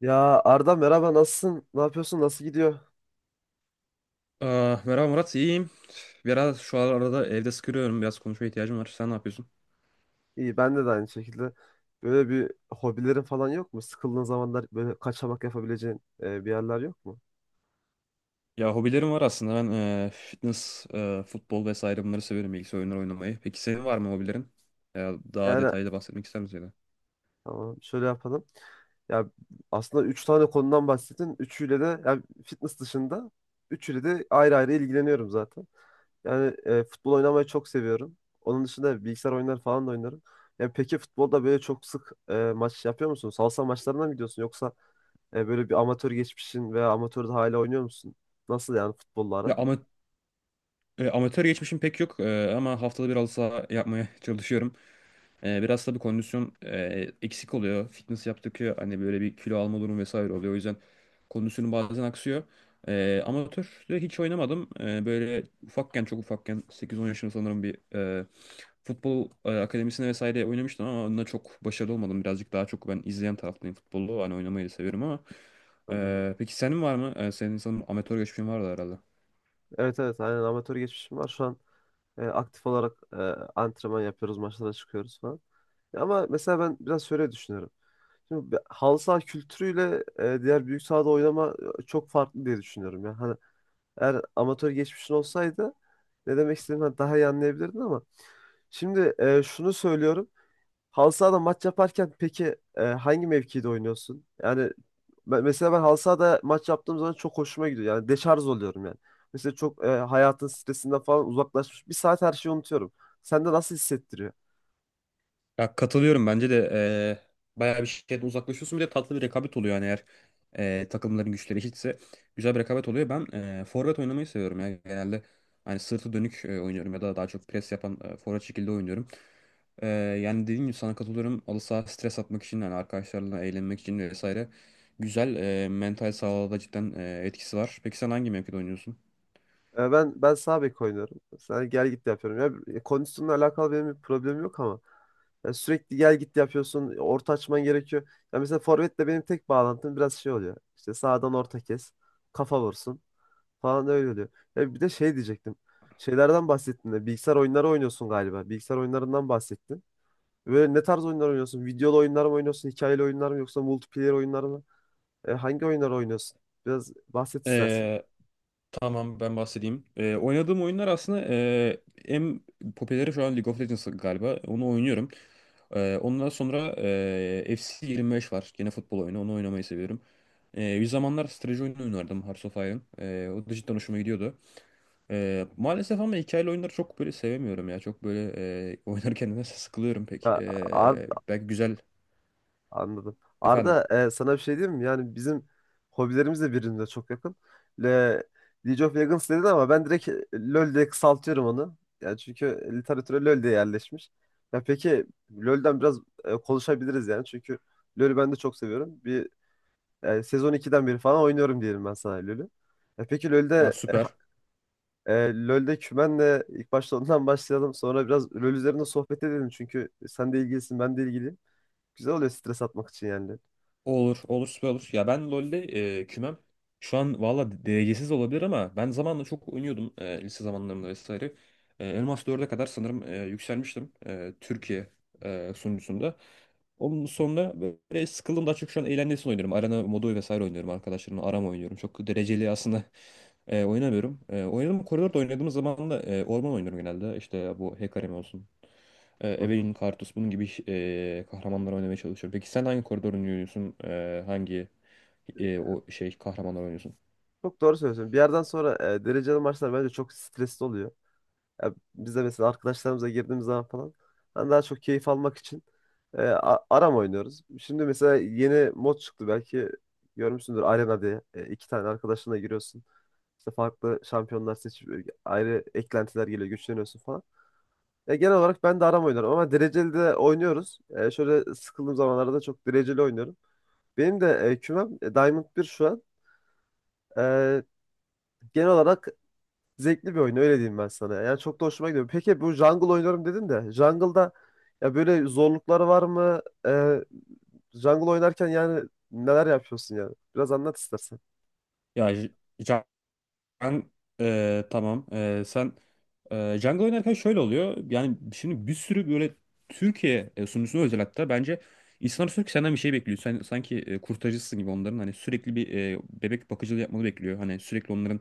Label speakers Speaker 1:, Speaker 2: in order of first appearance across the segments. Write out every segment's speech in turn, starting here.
Speaker 1: Ya Arda merhaba, nasılsın? Ne yapıyorsun? Nasıl gidiyor?
Speaker 2: Aa, merhaba Murat, iyiyim. Biraz şu arada evde sıkılıyorum, biraz konuşmaya ihtiyacım var. Sen ne yapıyorsun?
Speaker 1: İyi, ben de aynı şekilde. Böyle bir hobilerin falan yok mu? Sıkıldığın zamanlar böyle kaçamak yapabileceğin bir yerler yok mu?
Speaker 2: Ya hobilerim var aslında. Ben fitness, futbol vesaire bunları severim, bilgisayar oyunları oynamayı. Peki senin var mı hobilerin? Ya daha
Speaker 1: Yani
Speaker 2: detaylı bahsetmek ister misin? Ya da?
Speaker 1: tamam, şöyle yapalım. Ya aslında üç tane konudan bahsettin. Üçüyle de yani fitness dışında üçüyle de ayrı ayrı ilgileniyorum zaten. Yani futbol oynamayı çok seviyorum. Onun dışında bilgisayar oyunları falan da oynarım. Yani peki futbolda böyle çok sık maç yapıyor musun? Salsa maçlarına mı gidiyorsun, yoksa böyle bir amatör geçmişin veya amatörde hala oynuyor musun? Nasıl yani,
Speaker 2: Ya
Speaker 1: futbollara?
Speaker 2: ama, amatör geçmişim pek yok ama haftada bir halı saha yapmaya çalışıyorum. Biraz tabii kondisyon eksik oluyor. Fitness yaptıkça hani böyle bir kilo alma durumu vesaire oluyor. O yüzden kondisyonum bazen aksıyor. Amatörde hiç oynamadım. Böyle ufakken çok ufakken 8-10 yaşında sanırım bir futbol akademisine vesaire oynamıştım ama onunla çok başarılı olmadım. Birazcık daha çok ben izleyen taraftayım futbolu. Hani oynamayı da seviyorum ama.
Speaker 1: Anladım.
Speaker 2: Peki senin var mı? Senin sanırım amatör geçmişin vardı herhalde.
Speaker 1: Evet, evet, aynen amatör geçmişim var. Şu an aktif olarak antrenman yapıyoruz, maçlara çıkıyoruz falan. Ya ama mesela ben biraz şöyle düşünüyorum. Şimdi bir halı saha kültürüyle diğer büyük sahada oynama çok farklı diye düşünüyorum. Yani, hani eğer amatör geçmişin olsaydı ne demek istediğini daha iyi anlayabilirdin, ama şimdi şunu söylüyorum. Halı sahada maç yaparken peki hangi mevkide oynuyorsun? Yani mesela ben halı sahada maç yaptığım zaman çok hoşuma gidiyor. Yani deşarj oluyorum yani. Mesela çok hayatın stresinden falan uzaklaşmış. Bir saat her şeyi unutuyorum. Sende nasıl hissettiriyor?
Speaker 2: Ya katılıyorum bence de bayağı bir şeyden uzaklaşıyorsun. Bir de tatlı bir rekabet oluyor yani eğer takımların güçleri eşitse güzel bir rekabet oluyor. Ben forvet oynamayı seviyorum ya genelde. Hani sırtı dönük oynuyorum ya da daha çok pres yapan forvet şekilde oynuyorum. Yani dediğim gibi sana katılıyorum. Halı saha stres atmak için yani arkadaşlarla eğlenmek için vesaire güzel, mental sağlığa da cidden, etkisi var. Peki sen hangi mevkide
Speaker 1: Ya ben sağ bek oynuyorum. Sen gel git yapıyorum. Ya kondisyonla alakalı benim bir problemim yok, ama ya sürekli gel git yapıyorsun. Orta açman gerekiyor. Ya mesela forvetle benim tek bağlantım biraz şey oluyor. İşte sağdan orta kes, kafa vursun falan, öyle oluyor. Ya bir de şey diyecektim. Şeylerden bahsettin de bilgisayar oyunları oynuyorsun galiba. Bilgisayar oyunlarından bahsettin. Böyle ne tarz oyunlar oynuyorsun? Videolu oyunlar mı oynuyorsun? Hikayeli oyunlar mı, yoksa multiplayer oyunlar mı? Hangi oyunlar oynuyorsun? Biraz bahset istersen.
Speaker 2: oynuyorsun? Tamam ben bahsedeyim. Oynadığım oyunlar aslında en popüleri şu an League of Legends galiba. Onu oynuyorum. Ondan sonra FC 25 var. Gene futbol oyunu. Onu oynamayı seviyorum. Bir zamanlar strateji oyunu oynardım Hearts of Iron. O da cidden hoşuma gidiyordu. Maalesef ama hikayeli oyunları çok böyle sevemiyorum ya. Çok böyle oynarken de sıkılıyorum pek.
Speaker 1: Ya, Ar-
Speaker 2: Belki güzel.
Speaker 1: anladım.
Speaker 2: Efendim.
Speaker 1: Arda, sana bir şey diyeyim mi? Yani bizim hobilerimiz de birbirine çok yakın. Le, League of Legends dedin, ama ben direkt LoL diye kısaltıyorum onu. Yani çünkü literatüre LoL diye yerleşmiş. Ya peki LoL'den biraz konuşabiliriz yani. Çünkü LoL'ü ben de çok seviyorum. Bir sezon iki'den beri falan oynuyorum diyelim ben sana LoL'ü. Ya peki
Speaker 2: Ha,
Speaker 1: LoL'de e, ha-
Speaker 2: süper.
Speaker 1: e, LoL'de kümenle ilk başta ondan başlayalım. Sonra biraz LoL üzerinde sohbet edelim. Çünkü sen de ilgilisin, ben de ilgiliyim. Güzel oluyor stres atmak için yani.
Speaker 2: Olur, olur, süper olur. Ya ben LoL'de kümem şu an valla derecesiz olabilir ama ben zamanla çok oynuyordum lise zamanlarımda vesaire. Elmas dörde kadar sanırım yükselmiştim Türkiye sunucusunda. Onun sonra böyle sıkıldım, daha çok şu an eğlencesini oynuyorum. Arena modu vesaire oynuyorum arkadaşlarımla. Arama oynuyorum. Çok dereceli aslında oynamıyorum. Oynadığım koridorda oynadığım zaman da orman oynuyorum genelde. İşte bu Hecarim olsun. Evelyn Kartus bunun gibi kahramanlar oynamaya çalışıyor. Peki sen hangi koridor oynuyorsun? Hangi o şey kahramanlar oynuyorsun?
Speaker 1: Çok doğru söylüyorsun. Bir yerden sonra dereceli maçlar bence çok stresli oluyor. Ya biz de mesela arkadaşlarımıza girdiğimiz zaman falan ben daha çok keyif almak için aram oynuyoruz. Şimdi mesela yeni mod çıktı, belki görmüşsündür, Arena diye. İki tane arkadaşınla giriyorsun. İşte farklı şampiyonlar seçip ayrı eklentiler geliyor, güçleniyorsun falan. Ya genel olarak ben de aram oynarım ama dereceli de oynuyoruz. Şöyle sıkıldığım zamanlarda çok dereceli oynuyorum. Benim de kümem Diamond bir şu an. E, Genel olarak zevkli bir oyun, öyle diyeyim ben sana. Yani çok da hoşuma gidiyor. Peki bu jungle oynuyorum dedin de jungle'da ya böyle zorlukları var mı? Ee, Jungle oynarken yani neler yapıyorsun yani? Biraz anlat istersen.
Speaker 2: Ya Ben Tamam. Sen jungle oynarken şöyle oluyor. Yani şimdi bir sürü böyle Türkiye sunucusuna özel hatta bence insanlar sürekli senden bir şey bekliyor, sen sanki kurtarıcısın gibi onların, hani sürekli bir bebek bakıcılığı yapmanı bekliyor, hani sürekli onların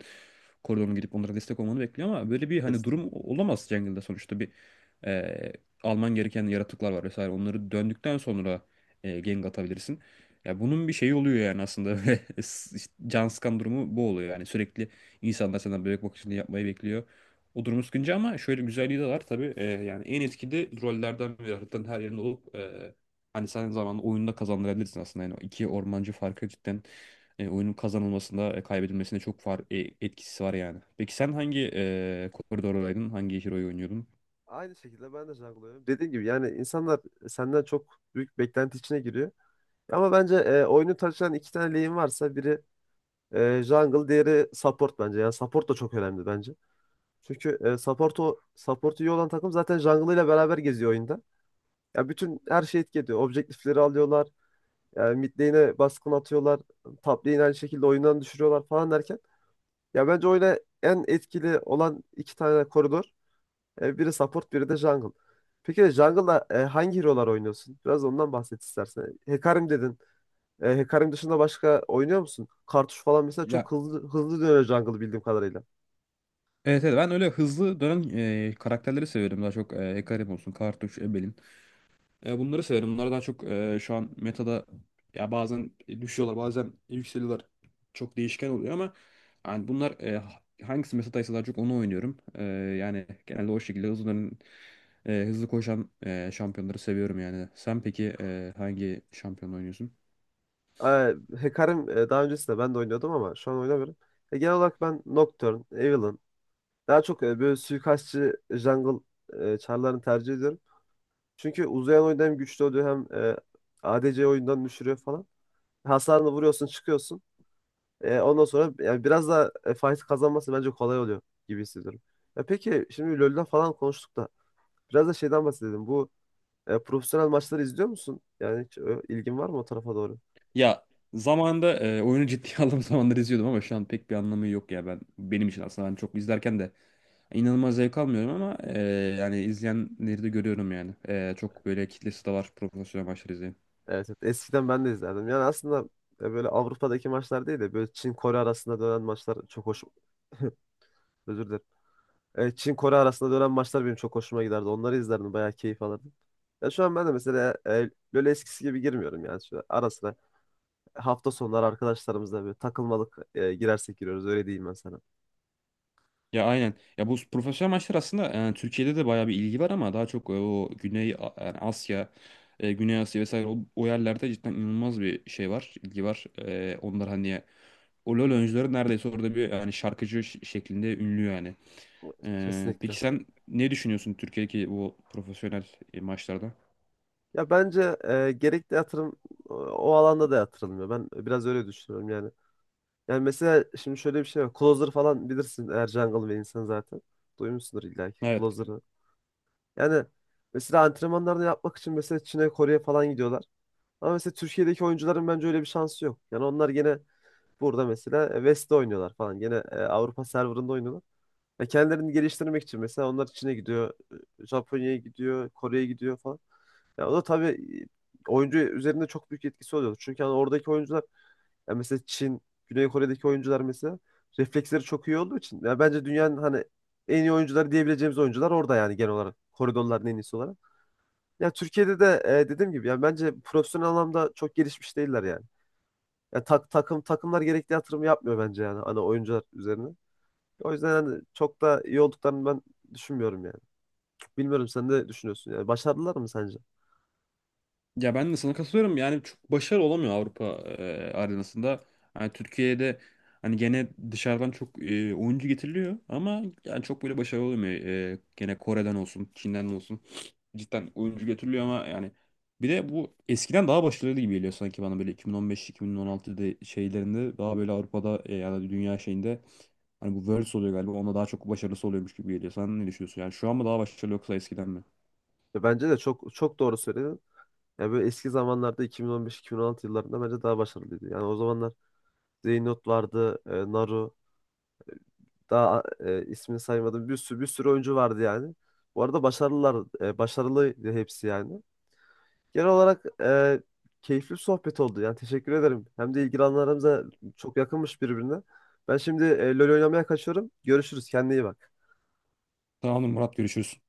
Speaker 2: koridoruna gidip onlara destek olmanı bekliyor ama böyle bir hani
Speaker 1: Kesin.
Speaker 2: durum olamaz jungle'da. Sonuçta bir e, alman gereken yaratıklar var vesaire, onları döndükten sonra gank atabilirsin. Ya bunun bir şeyi oluyor yani aslında can sıkan durumu bu oluyor, yani sürekli İnsanlar senden bebek bakıcılığı yapmayı bekliyor. O durum sıkıcı ama şöyle güzelliği de var tabii. Yani en etkili rollerden biri, haritanın her yerinde olup hani sen zamanla oyunda kazandırabilirsin aslında. Yani o iki ormancı farkı cidden oyunun kazanılmasında kaybedilmesinde çok etkisi var yani. Peki sen
Speaker 1: Evet.
Speaker 2: hangi koridordaydın? Hangi hero'yu oynuyordun?
Speaker 1: Aynı şekilde ben de jungle oynuyorum. Dediğim gibi yani insanlar senden çok büyük beklenti içine giriyor. Ama bence oyunu taşıyan iki tane lane varsa biri jungle, diğeri support bence. Yani support da çok önemli bence. Çünkü support, o support iyi olan takım zaten jungle ile beraber geziyor oyunda. Ya bütün her şey etki ediyor. Objektifleri alıyorlar. Yani mid lane'e baskın atıyorlar. Top lane'i aynı şekilde oyundan düşürüyorlar falan derken. Ya bence oyuna en etkili olan iki tane koridor. Biri support, biri de jungle. Peki jungle'da hangi hero'lar oynuyorsun? Biraz ondan bahset istersen. Hecarim dedin. Hecarim dışında başka oynuyor musun? Kartuş falan mesela
Speaker 2: Ya
Speaker 1: çok hızlı hızlı dönüyor jungle bildiğim kadarıyla.
Speaker 2: evet, evet, ben öyle hızlı dönen karakterleri seviyorum. Daha çok Hecarim olsun, Kartuş, Ebelin. Bunları severim. Bunlar daha çok şu an metada ya bazen düşüyorlar, bazen yükseliyorlar. Çok değişken oluyor ama yani bunlar, hangisi metadaysa daha çok onu oynuyorum. Yani genelde o şekilde hızlıların hızlı koşan şampiyonları seviyorum yani. Sen peki hangi şampiyon oynuyorsun?
Speaker 1: E, Hecarim daha öncesinde ben de oynuyordum, ama şu an oynamıyorum. Genel olarak ben Nocturne, Evelynn, daha çok böyle suikastçı jungle çarlarını tercih ediyorum. Çünkü uzayan oyunda hem güçlü oluyor, hem ADC oyundan düşürüyor falan. Hasarını vuruyorsun, çıkıyorsun. Ondan sonra yani biraz da fight kazanması bence kolay oluyor gibi hissediyorum. Ya peki şimdi LoL'den falan konuştuk da biraz da şeyden bahsedelim. Bu profesyonel maçları izliyor musun? Yani hiç ilgin var mı o tarafa doğru?
Speaker 2: Ya zamanında oyunu ciddiye aldığım zamanlar izliyordum ama şu an pek bir anlamı yok ya, ben, benim için aslında ben çok izlerken de İnanılmaz zevk almıyorum ama yani izleyenleri de görüyorum yani. Çok böyle kitlesi de var profesyonel maçları izleyen.
Speaker 1: Evet, evet. Eskiden ben de izlerdim. Yani aslında böyle Avrupa'daki maçlar değil de böyle Çin Kore arasında dönen maçlar çok hoş. Özür dilerim. Çin Kore arasında dönen maçlar benim çok hoşuma giderdi. Onları izlerdim. Bayağı keyif alırdım. Ya şu an ben de mesela LoL eskisi gibi girmiyorum yani. Şu ara sıra hafta sonları arkadaşlarımızla böyle takılmalık girersek giriyoruz. Öyle diyeyim ben sana.
Speaker 2: Ya aynen. Ya bu profesyonel maçlar aslında Türkiye'de de bayağı bir ilgi var ama daha çok o yani Asya, Güney Asya vesaire, o yerlerde cidden inanılmaz bir şey var, ilgi var. Onlar hani o LoL oyuncuları neredeyse orada bir yani şarkıcı şeklinde ünlü yani.
Speaker 1: Kesinlikle.
Speaker 2: Peki sen ne düşünüyorsun Türkiye'deki bu profesyonel maçlarda?
Speaker 1: Ya bence gerekli yatırım o alanda da yatırılmıyor. Ben biraz öyle düşünüyorum yani. Yani mesela şimdi şöyle bir şey var. Closer falan bilirsin, eğer jungle ve insan zaten. Duymuşsundur illa ki
Speaker 2: Evet.
Speaker 1: Closer'ı. Yani mesela antrenmanlarını yapmak için mesela Çin'e, Kore'ye falan gidiyorlar. Ama mesela Türkiye'deki oyuncuların bence öyle bir şansı yok. Yani onlar gene burada mesela West'te oynuyorlar falan. Gene Avrupa serverında oynuyorlar. Ve kendilerini geliştirmek için mesela onlar Çin'e gidiyor, Japonya'ya gidiyor, Kore'ye gidiyor falan. Ya o da tabii oyuncu üzerinde çok büyük etkisi oluyor. Çünkü hani oradaki oyuncular, ya mesela Çin, Güney Kore'deki oyuncular mesela refleksleri çok iyi olduğu için. Ya bence dünyanın hani en iyi oyuncuları diyebileceğimiz oyuncular orada yani genel olarak. Koridorların en iyisi olarak. Ya Türkiye'de de dediğim gibi yani bence profesyonel anlamda çok gelişmiş değiller yani. Ya takımlar gerekli yatırım yapmıyor bence, yani hani oyuncular üzerine. O yüzden hani çok da iyi olduklarını ben düşünmüyorum yani. Bilmiyorum sen ne düşünüyorsun yani. Başardılar mı sence?
Speaker 2: Ya ben de sana katılıyorum. Yani çok başarılı olamıyor Avrupa arenasında. Yani Türkiye'de hani gene dışarıdan çok oyuncu getiriliyor ama yani çok böyle başarılı olamıyor. Gene Kore'den olsun, Çin'den olsun, cidden oyuncu getiriliyor ama yani, bir de bu eskiden daha başarılı gibi geliyor sanki bana, böyle 2015-2016'da şeylerinde daha böyle Avrupa'da, ya da dünya şeyinde hani bu Worlds oluyor galiba, onda daha çok başarılısı oluyormuş gibi geliyor. Sen ne düşünüyorsun? Yani şu an mı daha başarılı yoksa eskiden mi?
Speaker 1: Ya bence de çok çok doğru söyledin. Ya böyle eski zamanlarda 2015-2016 yıllarında bence daha başarılıydı. Yani o zamanlar Zeynout vardı, Naru, daha ismini saymadım. Bir sürü bir sürü oyuncu vardı yani. Bu arada başarılılar, başarılıydı hepsi yani. Genel olarak keyifli bir sohbet oldu. Yani teşekkür ederim. Hem de ilgi alanlarımız da çok yakınmış birbirine. Ben şimdi LoL oynamaya kaçıyorum. Görüşürüz. Kendine iyi bak.
Speaker 2: Tamamdır Murat, görüşürüz.